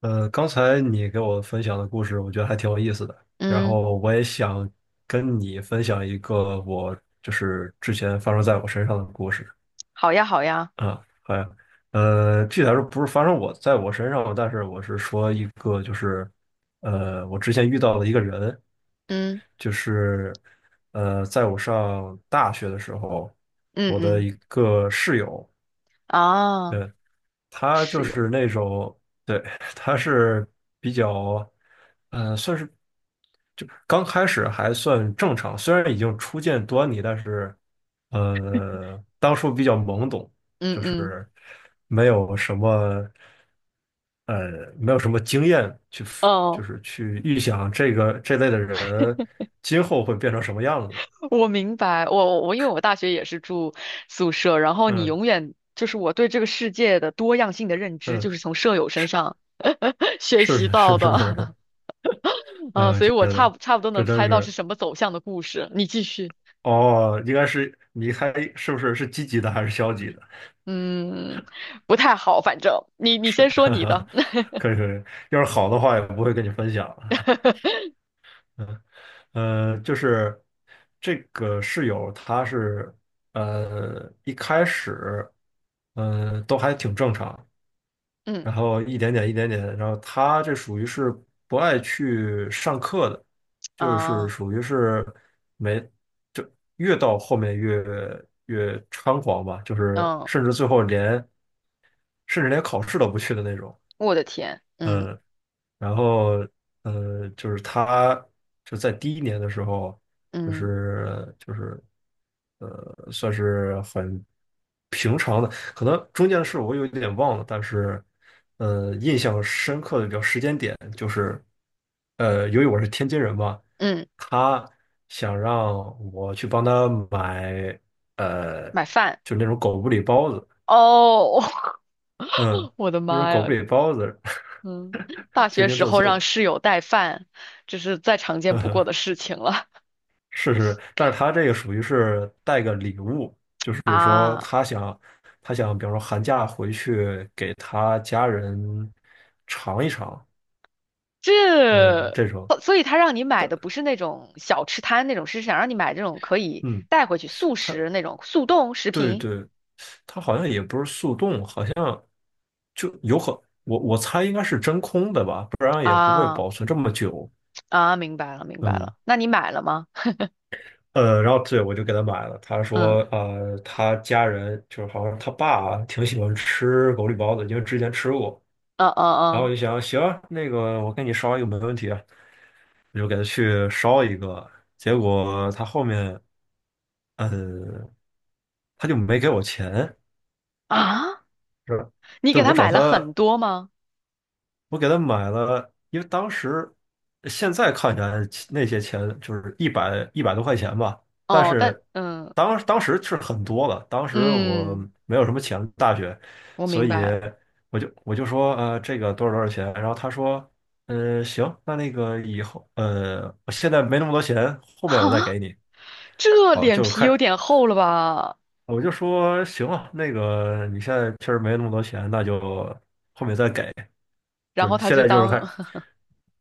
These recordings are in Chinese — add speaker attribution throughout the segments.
Speaker 1: 刚才你给我分享的故事，我觉得还挺有意思的。然
Speaker 2: 嗯。
Speaker 1: 后我也想跟你分享一个我就是之前发生在我身上的故事。
Speaker 2: 好呀，好呀。
Speaker 1: 啊，好呀。具体来说不是发生我在我身上，但是我是说一个就是我之前遇到的一个人，
Speaker 2: 嗯
Speaker 1: 就是在我上大学的时候，
Speaker 2: 嗯
Speaker 1: 我的
Speaker 2: 嗯。
Speaker 1: 一个室友。
Speaker 2: 啊，
Speaker 1: 呃他就
Speaker 2: 室友。
Speaker 1: 是那种，对，他是比较，算是就刚开始还算正常，虽然已经初见端倪，但是当初比较懵懂，
Speaker 2: 嗯嗯。
Speaker 1: 没有什么，没有什么经验去
Speaker 2: 哦，
Speaker 1: 就是去预想这个这类的人今后会变成什么样子。
Speaker 2: 我明白。我因为我大学也是住宿舍，然后你
Speaker 1: 嗯
Speaker 2: 永远就是我对这个世界的多样性的认知，
Speaker 1: 嗯，
Speaker 2: 就是从舍友身上 学
Speaker 1: 是
Speaker 2: 习
Speaker 1: 是
Speaker 2: 到
Speaker 1: 是是是，是，
Speaker 2: 的。啊，所以我差不多
Speaker 1: 这
Speaker 2: 能
Speaker 1: 真
Speaker 2: 猜到是
Speaker 1: 是。
Speaker 2: 什么走向的故事。你继续。
Speaker 1: 哦，应该是你还是不是，是积极的还是消极的？
Speaker 2: 嗯，不太好，反正你
Speaker 1: 是，
Speaker 2: 先说你的。
Speaker 1: 可以可以，要是好的话也不会跟你分享。嗯，就是这个室友，他是一开始，嗯，都还挺正常，
Speaker 2: 嗯。
Speaker 1: 然后一点点一点点，然后他这属于是不爱去上课的，就是
Speaker 2: 啊。
Speaker 1: 属于是没，就越到后面越猖狂吧，就是
Speaker 2: 嗯。嗯，
Speaker 1: 甚至最后连甚至连考试都不去的那种。
Speaker 2: 我的天。嗯
Speaker 1: 嗯。然后就是他就在第一年的时候，就
Speaker 2: 嗯
Speaker 1: 是就是算是很平常的，可能中间的事我有点忘了，但是印象深刻的比较时间点就是，由于我是天津人嘛，
Speaker 2: 嗯。
Speaker 1: 他想让我去帮他买呃，
Speaker 2: 买饭。
Speaker 1: 就那种狗不理包子。
Speaker 2: 哦。
Speaker 1: 嗯，
Speaker 2: 我的
Speaker 1: 那种
Speaker 2: 妈
Speaker 1: 狗不
Speaker 2: 呀。
Speaker 1: 理包子，
Speaker 2: 嗯。大
Speaker 1: 天
Speaker 2: 学
Speaker 1: 津
Speaker 2: 时
Speaker 1: 特
Speaker 2: 候让
Speaker 1: 色。
Speaker 2: 室友带饭，这是再常见不过的 事情了。
Speaker 1: 是是，但是他这个属于是带个礼物，就是 说
Speaker 2: 啊。
Speaker 1: 他想，比方说寒假回去给他家人尝一尝。
Speaker 2: 这，
Speaker 1: 嗯，这种。
Speaker 2: 哦，所以他让你买
Speaker 1: 但
Speaker 2: 的不是那种小吃摊那种，是想让你买这种可以
Speaker 1: 嗯，
Speaker 2: 带回去速
Speaker 1: 他，
Speaker 2: 食那种速冻食
Speaker 1: 对
Speaker 2: 品
Speaker 1: 对，他好像也不是速冻，好像就有可，我猜应该是真空的吧，不然也不会
Speaker 2: 啊。
Speaker 1: 保存这么久。
Speaker 2: 啊，明白了明白
Speaker 1: 嗯。
Speaker 2: 了。那你买了吗？
Speaker 1: 然后对，我就给他买了。他说，
Speaker 2: 嗯
Speaker 1: 他家人就是好像他爸啊挺喜欢吃狗不包子，因为之前吃过。
Speaker 2: 嗯
Speaker 1: 然
Speaker 2: 嗯
Speaker 1: 后我
Speaker 2: 嗯。
Speaker 1: 就想，行啊，那个我给你烧一个没问题啊，我就给他去烧一个。结果他后面，嗯，他就没给我钱。
Speaker 2: 啊，
Speaker 1: 是吧？
Speaker 2: 你给
Speaker 1: 对，我
Speaker 2: 他
Speaker 1: 找
Speaker 2: 买了
Speaker 1: 他，
Speaker 2: 很多吗？
Speaker 1: 我给他买了，因为当时现在看起来那些钱就是一百一百多块钱吧，但
Speaker 2: 哦。但
Speaker 1: 是当时是很多了，当时我
Speaker 2: 嗯，
Speaker 1: 没有什么钱，大学，
Speaker 2: 我
Speaker 1: 所
Speaker 2: 明
Speaker 1: 以
Speaker 2: 白。
Speaker 1: 我就说这个多少多少钱，然后他说行，那个以后我现在没那么多钱，后面我再
Speaker 2: 哈，
Speaker 1: 给你。
Speaker 2: 这
Speaker 1: 哦
Speaker 2: 脸
Speaker 1: 就
Speaker 2: 皮
Speaker 1: 开
Speaker 2: 有点厚了吧？
Speaker 1: 我就说行了，那个你现在确实没那么多钱，那就后面再给。就
Speaker 2: 然后
Speaker 1: 是
Speaker 2: 他
Speaker 1: 现
Speaker 2: 就
Speaker 1: 在就是
Speaker 2: 当
Speaker 1: 看，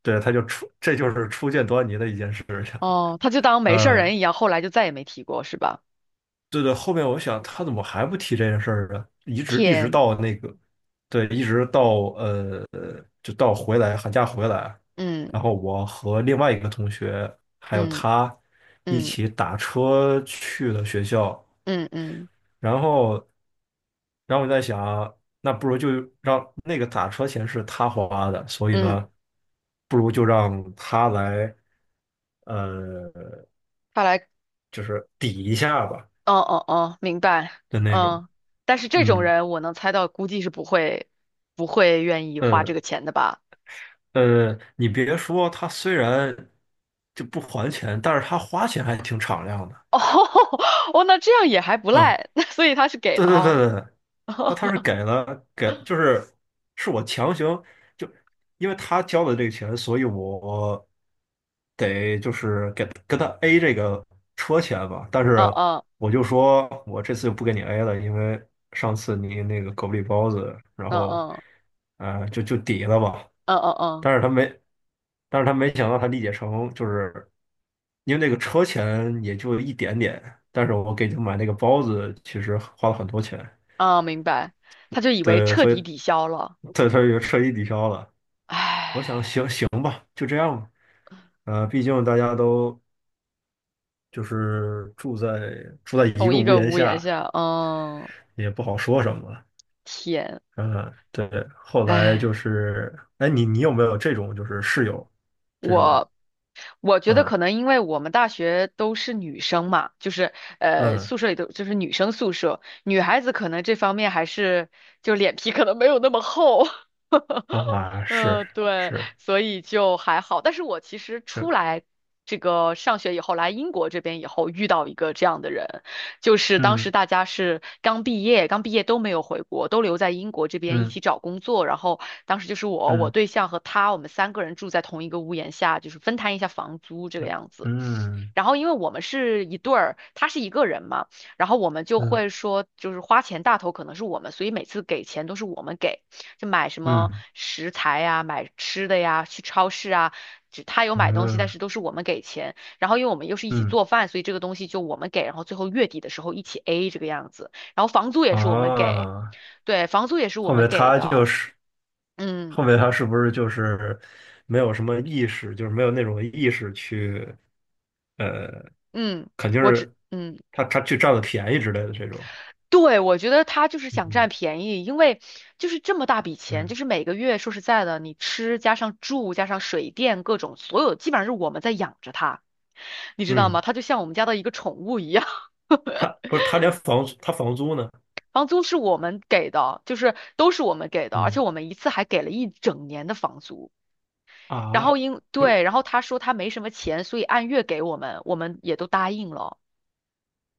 Speaker 1: 对，他就初，这就是初见端倪的一件事 情。
Speaker 2: 哦，他就当没事儿
Speaker 1: 呃，
Speaker 2: 人一样，后来就再也没提过，是吧？
Speaker 1: 对对，后面我想他怎么还不提这件事儿呢？一直一直
Speaker 2: 天。
Speaker 1: 到那个，对，一直到呃，就到寒假回来，
Speaker 2: 嗯
Speaker 1: 然后我和另外一个同学还有
Speaker 2: 嗯
Speaker 1: 他一
Speaker 2: 嗯
Speaker 1: 起打车去了学校，
Speaker 2: 嗯嗯
Speaker 1: 然后，然后我在想，那不如就让那个打车钱是他花的，所以
Speaker 2: 嗯。
Speaker 1: 呢，不如就让他来，呃，
Speaker 2: 看来。
Speaker 1: 就是抵一下吧
Speaker 2: 哦哦哦，明白。
Speaker 1: 的那种。
Speaker 2: 嗯，但是这种
Speaker 1: 嗯
Speaker 2: 人我能猜到，估计是不会愿意花这
Speaker 1: 嗯。
Speaker 2: 个钱的吧？
Speaker 1: 你别说，他虽然就不还钱，但是他花钱还挺敞亮的。
Speaker 2: 哦 哦，那这样也还不
Speaker 1: 嗯。
Speaker 2: 赖。所以他是给
Speaker 1: 对
Speaker 2: 了
Speaker 1: 对对
Speaker 2: 哦。
Speaker 1: 对，他是 给了，就是是我强行就，因为他交的这个钱，所以我得就是跟他 A 这个车钱吧。但
Speaker 2: 嗯
Speaker 1: 是
Speaker 2: 嗯
Speaker 1: 我就说我这次就不给你 A 了，因为上次你那个狗不理包子，然
Speaker 2: 嗯
Speaker 1: 后
Speaker 2: 嗯
Speaker 1: 就抵了吧。
Speaker 2: 嗯嗯嗯
Speaker 1: 但是他没，但是他没想到他理解成就是。因为那个车钱也就一点点，但是我给你买那个包子，其实花了很多钱。
Speaker 2: 嗯。明白，他就以为
Speaker 1: 对，
Speaker 2: 彻
Speaker 1: 所以
Speaker 2: 底抵消了。
Speaker 1: 对，他就彻底抵消了。我想，行
Speaker 2: 唉。
Speaker 1: 行吧，就这样吧。毕竟大家都就是住在一
Speaker 2: 同
Speaker 1: 个
Speaker 2: 一
Speaker 1: 屋
Speaker 2: 个
Speaker 1: 檐
Speaker 2: 屋檐
Speaker 1: 下，
Speaker 2: 下，嗯。
Speaker 1: 也不好说什么了。
Speaker 2: 天。
Speaker 1: 嗯，对。后来
Speaker 2: 哎，
Speaker 1: 就是，哎，你有没有这种就是室友这种？
Speaker 2: 我我觉得
Speaker 1: 嗯
Speaker 2: 可能因为我们大学都是女生嘛，就是
Speaker 1: 嗯，
Speaker 2: 宿舍里都就是女生宿舍，女孩子可能这方面还是就脸皮可能没有那么厚。
Speaker 1: 啊，是，
Speaker 2: 嗯，对，
Speaker 1: 是。
Speaker 2: 所以就还好。但是我其实
Speaker 1: 这
Speaker 2: 出来这个上学以后，来英国这边以后，遇到一个这样的人，就是当时
Speaker 1: 嗯
Speaker 2: 大家是刚毕业，刚毕业都没有回国，都留在英国这边一
Speaker 1: 嗯
Speaker 2: 起找工作。然后当时就是我
Speaker 1: 嗯
Speaker 2: 对象和他，我们三个人住在同一个屋檐下，就是分摊一下房租这个
Speaker 1: 嗯
Speaker 2: 样
Speaker 1: 嗯。
Speaker 2: 子。
Speaker 1: 嗯
Speaker 2: 然后因为我们是一对儿，他是一个人嘛，然后我们就
Speaker 1: 嗯
Speaker 2: 会说，就是花钱大头可能是我们，所以每次给钱都是我们给。就买什么
Speaker 1: 嗯
Speaker 2: 食材呀、买吃的呀，去超市啊，只他有买东西，但是
Speaker 1: 嗯
Speaker 2: 都是我们给钱。然后因为我们又是一起
Speaker 1: 嗯，
Speaker 2: 做饭，所以这个东西就我们给，然后最后月底的时候一起 A 这个样子。然后房租也是我们给，
Speaker 1: 啊，
Speaker 2: 对，房租也是我
Speaker 1: 后
Speaker 2: 们
Speaker 1: 面
Speaker 2: 给
Speaker 1: 他
Speaker 2: 的。
Speaker 1: 就是，
Speaker 2: 嗯
Speaker 1: 后面他是不是就是没有什么意识，就是没有那种意识去呃，
Speaker 2: 嗯，
Speaker 1: 肯定
Speaker 2: 我只
Speaker 1: 是
Speaker 2: 嗯。
Speaker 1: 他去占了便宜之类的这种。
Speaker 2: 对，我觉得他就是想占
Speaker 1: 嗯
Speaker 2: 便宜，因为就是这么大笔钱，
Speaker 1: 嗯
Speaker 2: 就是每个月说实在的，你吃加上住加上水电各种，所有基本上是我们在养着他，你知道吗？
Speaker 1: 嗯。
Speaker 2: 他就像我们家的一个宠物一样。
Speaker 1: 他不是，他连房租，他房租呢？
Speaker 2: 房租是我们给的，就是都是我们给的，而且
Speaker 1: 嗯，
Speaker 2: 我们一次还给了一整年的房租。然后
Speaker 1: 啊，
Speaker 2: 因，
Speaker 1: 不是，
Speaker 2: 对，然后他说他没什么钱，所以按月给我们，我们也都答应了。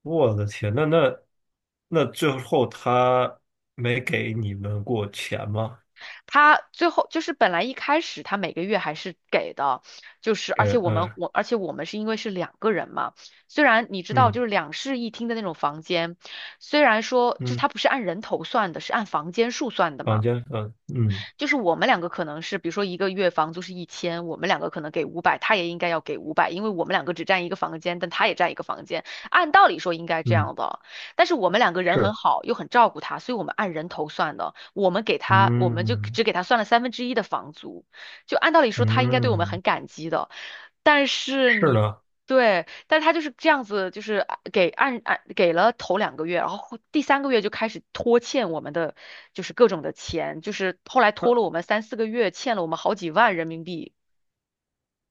Speaker 1: 我的天，那那最后他没给你们过钱吗？
Speaker 2: 他最后就是本来一开始他每个月还是给的，就是
Speaker 1: 给，嗯
Speaker 2: 而且我们是因为是两个人嘛，虽然你知道
Speaker 1: 嗯
Speaker 2: 就是两室一厅的那种房间，虽然说就是
Speaker 1: 嗯，
Speaker 2: 它不是按人头算的，是按房间数算的
Speaker 1: 房
Speaker 2: 嘛。
Speaker 1: 间，嗯嗯。
Speaker 2: 就是我们两个可能是，比如说一个月房租是1000，我们两个可能给五百，他也应该要给五百，因为我们两个只占一个房间，但他也占一个房间，按道理说应该这
Speaker 1: 嗯，
Speaker 2: 样的。但是我们两个人很
Speaker 1: 是，
Speaker 2: 好，又很照顾他，所以我们按人头算的，我们给他，我们就
Speaker 1: 嗯
Speaker 2: 只给他算了三分之一的房租，就按道理说他应该对我们
Speaker 1: 嗯，
Speaker 2: 很感激的，但是
Speaker 1: 是
Speaker 2: 你。
Speaker 1: 的。
Speaker 2: 对，但他就是这样子，就是啊给按给了头两个月，然后第三个月就开始拖欠我们的，就是各种的钱，就是后来拖
Speaker 1: 那
Speaker 2: 了我们三四个月，欠了我们好几万人民币。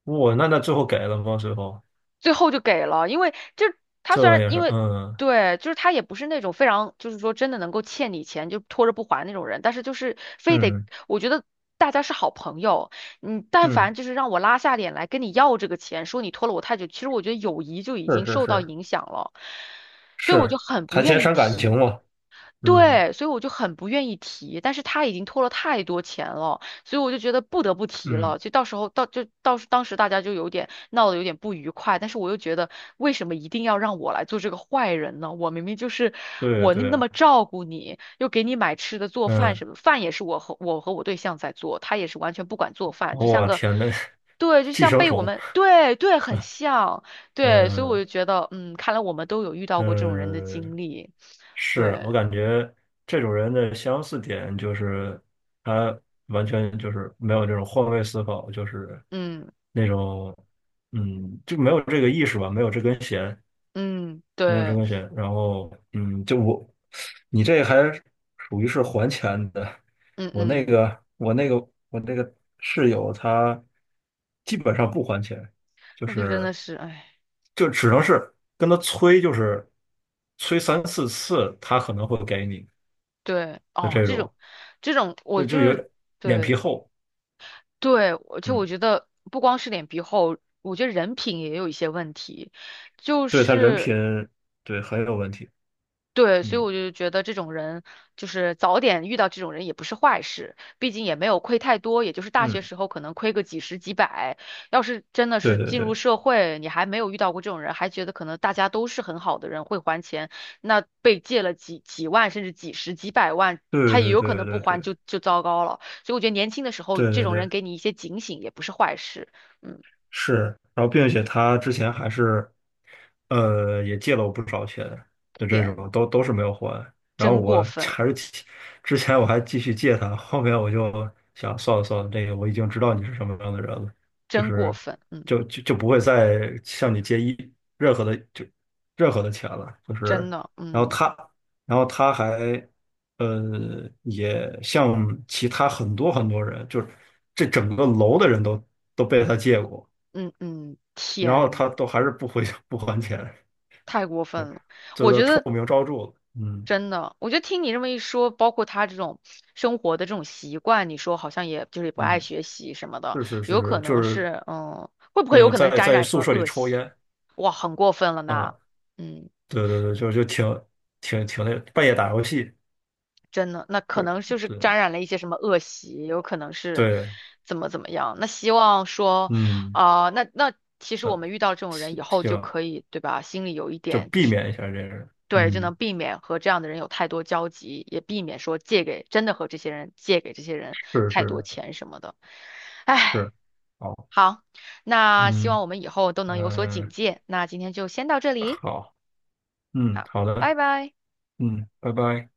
Speaker 1: 我那那最后给了吗？最后
Speaker 2: 最后就给了，因为就是他
Speaker 1: 这
Speaker 2: 虽
Speaker 1: 后
Speaker 2: 然
Speaker 1: 也
Speaker 2: 因
Speaker 1: 是，
Speaker 2: 为
Speaker 1: 嗯。
Speaker 2: 对，就是他也不是那种非常就是说真的能够欠你钱就拖着不还那种人，但是就是非得
Speaker 1: 嗯
Speaker 2: 我觉得大家是好朋友，你但
Speaker 1: 嗯，
Speaker 2: 凡就是让我拉下脸来跟你要这个钱，说你拖了我太久，其实我觉得友谊就已
Speaker 1: 是
Speaker 2: 经
Speaker 1: 是
Speaker 2: 受到
Speaker 1: 是
Speaker 2: 影响了，所以我就
Speaker 1: 是，
Speaker 2: 很不
Speaker 1: 谈钱
Speaker 2: 愿意
Speaker 1: 伤感
Speaker 2: 提。
Speaker 1: 情嘛。嗯
Speaker 2: 对，所以我就很不愿意提，但是他已经拖了太多钱了，所以我就觉得不得不提了。
Speaker 1: 嗯，
Speaker 2: 就到时候到就到时当时大家就有点闹得有点不愉快，但是我又觉得为什么一定要让我来做这个坏人呢？我明明就是
Speaker 1: 对
Speaker 2: 我那那
Speaker 1: 对，
Speaker 2: 么照顾你，又给你买吃的做饭
Speaker 1: 嗯，
Speaker 2: 什么，饭也是我和我对象在做，他也是完全不管做饭，就像
Speaker 1: 我
Speaker 2: 个。
Speaker 1: 天，那，
Speaker 2: 对，就
Speaker 1: 寄
Speaker 2: 像
Speaker 1: 生
Speaker 2: 被我
Speaker 1: 虫。
Speaker 2: 们。对对，很像。对，所以我
Speaker 1: 嗯
Speaker 2: 就觉得，嗯，看来我们都有遇到过这种人的经
Speaker 1: 嗯。
Speaker 2: 历。
Speaker 1: 是我
Speaker 2: 对。
Speaker 1: 感觉这种人的相似点就是，他完全就是没有这种换位思考，就是
Speaker 2: 嗯
Speaker 1: 那种，就没有这个意识吧，没有这根弦，
Speaker 2: 嗯。
Speaker 1: 没有这
Speaker 2: 对。
Speaker 1: 根弦。然后，就我你这还属于是还钱的。
Speaker 2: 嗯
Speaker 1: 我那
Speaker 2: 嗯。
Speaker 1: 个我那个我那个室友他基本上不还钱，就
Speaker 2: 那就真
Speaker 1: 是
Speaker 2: 的是，哎，
Speaker 1: 就只能是跟他催，就是催三四次，他可能会给你。
Speaker 2: 对，
Speaker 1: 就
Speaker 2: 哦，
Speaker 1: 这
Speaker 2: 这种。
Speaker 1: 种，
Speaker 2: 这种，我
Speaker 1: 对，
Speaker 2: 就
Speaker 1: 就有
Speaker 2: 是。
Speaker 1: 点脸皮
Speaker 2: 对
Speaker 1: 厚。
Speaker 2: 对，我
Speaker 1: 嗯，
Speaker 2: 觉得不光是脸皮厚，我觉得人品也有一些问题，就
Speaker 1: 对他人
Speaker 2: 是。
Speaker 1: 品，对很有问题。
Speaker 2: 对，所以
Speaker 1: 嗯
Speaker 2: 我就觉得这种人，就是早点遇到这种人也不是坏事，毕竟也没有亏太多，也就是大学
Speaker 1: 嗯，
Speaker 2: 时候可能亏个几十几百。要是真的
Speaker 1: 对
Speaker 2: 是
Speaker 1: 对
Speaker 2: 进入
Speaker 1: 对
Speaker 2: 社会，你还没有遇到过这种人，还觉得可能大家都是很好的人，会还钱，那被借了几万甚至几十几百万，
Speaker 1: 对
Speaker 2: 他也
Speaker 1: 对
Speaker 2: 有
Speaker 1: 对
Speaker 2: 可能不
Speaker 1: 对对
Speaker 2: 还就糟糕了。所以我觉得年轻的时候，
Speaker 1: 对
Speaker 2: 这
Speaker 1: 对
Speaker 2: 种人
Speaker 1: 对，
Speaker 2: 给你一些警醒也不是坏事。嗯。
Speaker 1: 是，然后并且他之前还是，也借了我不少钱的这种，
Speaker 2: 天。
Speaker 1: 都是没有还。然后
Speaker 2: 真过
Speaker 1: 我
Speaker 2: 分。
Speaker 1: 还是继之前我还继续借他，后面我就想算了算了，这个我已经知道你是什么样的人了，就
Speaker 2: 真过
Speaker 1: 是
Speaker 2: 分。嗯。
Speaker 1: 就不会再向你借一任何的就任何的钱了。就
Speaker 2: 真
Speaker 1: 是，
Speaker 2: 的。
Speaker 1: 然后
Speaker 2: 嗯。
Speaker 1: 他，然后他还也向其他很多很多人，就是这整个楼的人都被他借过，
Speaker 2: 嗯嗯。
Speaker 1: 然后
Speaker 2: 天。
Speaker 1: 他都还是不回 不还钱，
Speaker 2: 太过分了。
Speaker 1: 就
Speaker 2: 我
Speaker 1: 都
Speaker 2: 觉
Speaker 1: 臭
Speaker 2: 得
Speaker 1: 名昭著了。嗯。
Speaker 2: 真的，我觉得听你这么一说，包括他这种生活的这种习惯，你说好像也就是不爱
Speaker 1: 嗯，
Speaker 2: 学习什么的，
Speaker 1: 是是是
Speaker 2: 有可
Speaker 1: 是，就
Speaker 2: 能
Speaker 1: 是
Speaker 2: 是，嗯，会不会有可能是
Speaker 1: 在
Speaker 2: 沾染什
Speaker 1: 宿
Speaker 2: 么
Speaker 1: 舍里
Speaker 2: 恶
Speaker 1: 抽
Speaker 2: 习？
Speaker 1: 烟。
Speaker 2: 哇，很过分了呢。
Speaker 1: 啊，
Speaker 2: 嗯。
Speaker 1: 对对对，就挺挺那半夜打游戏。
Speaker 2: 真的，那可
Speaker 1: 这
Speaker 2: 能就是
Speaker 1: 对
Speaker 2: 沾染了一些什么恶习，有可能是
Speaker 1: 对，
Speaker 2: 怎么样。那希望说，
Speaker 1: 嗯。
Speaker 2: 啊，那那其实我
Speaker 1: 啊，
Speaker 2: 们遇到这种人
Speaker 1: 行
Speaker 2: 以后就
Speaker 1: 行，
Speaker 2: 可以，对吧？心里有一
Speaker 1: 就
Speaker 2: 点就
Speaker 1: 避
Speaker 2: 是，
Speaker 1: 免一下这个，
Speaker 2: 对，就
Speaker 1: 嗯，
Speaker 2: 能避免和这样的人有太多交集，也避免说借给真的和这些人借给这些人
Speaker 1: 是
Speaker 2: 太多
Speaker 1: 是
Speaker 2: 钱什么的。唉。
Speaker 1: 是，好，
Speaker 2: 好。那希望
Speaker 1: 嗯
Speaker 2: 我们以后都能有所
Speaker 1: 嗯、
Speaker 2: 警
Speaker 1: 呃
Speaker 2: 戒。那今天就先到这里。
Speaker 1: 好，嗯，
Speaker 2: 好。
Speaker 1: 好的。
Speaker 2: 拜拜。
Speaker 1: 嗯，拜拜。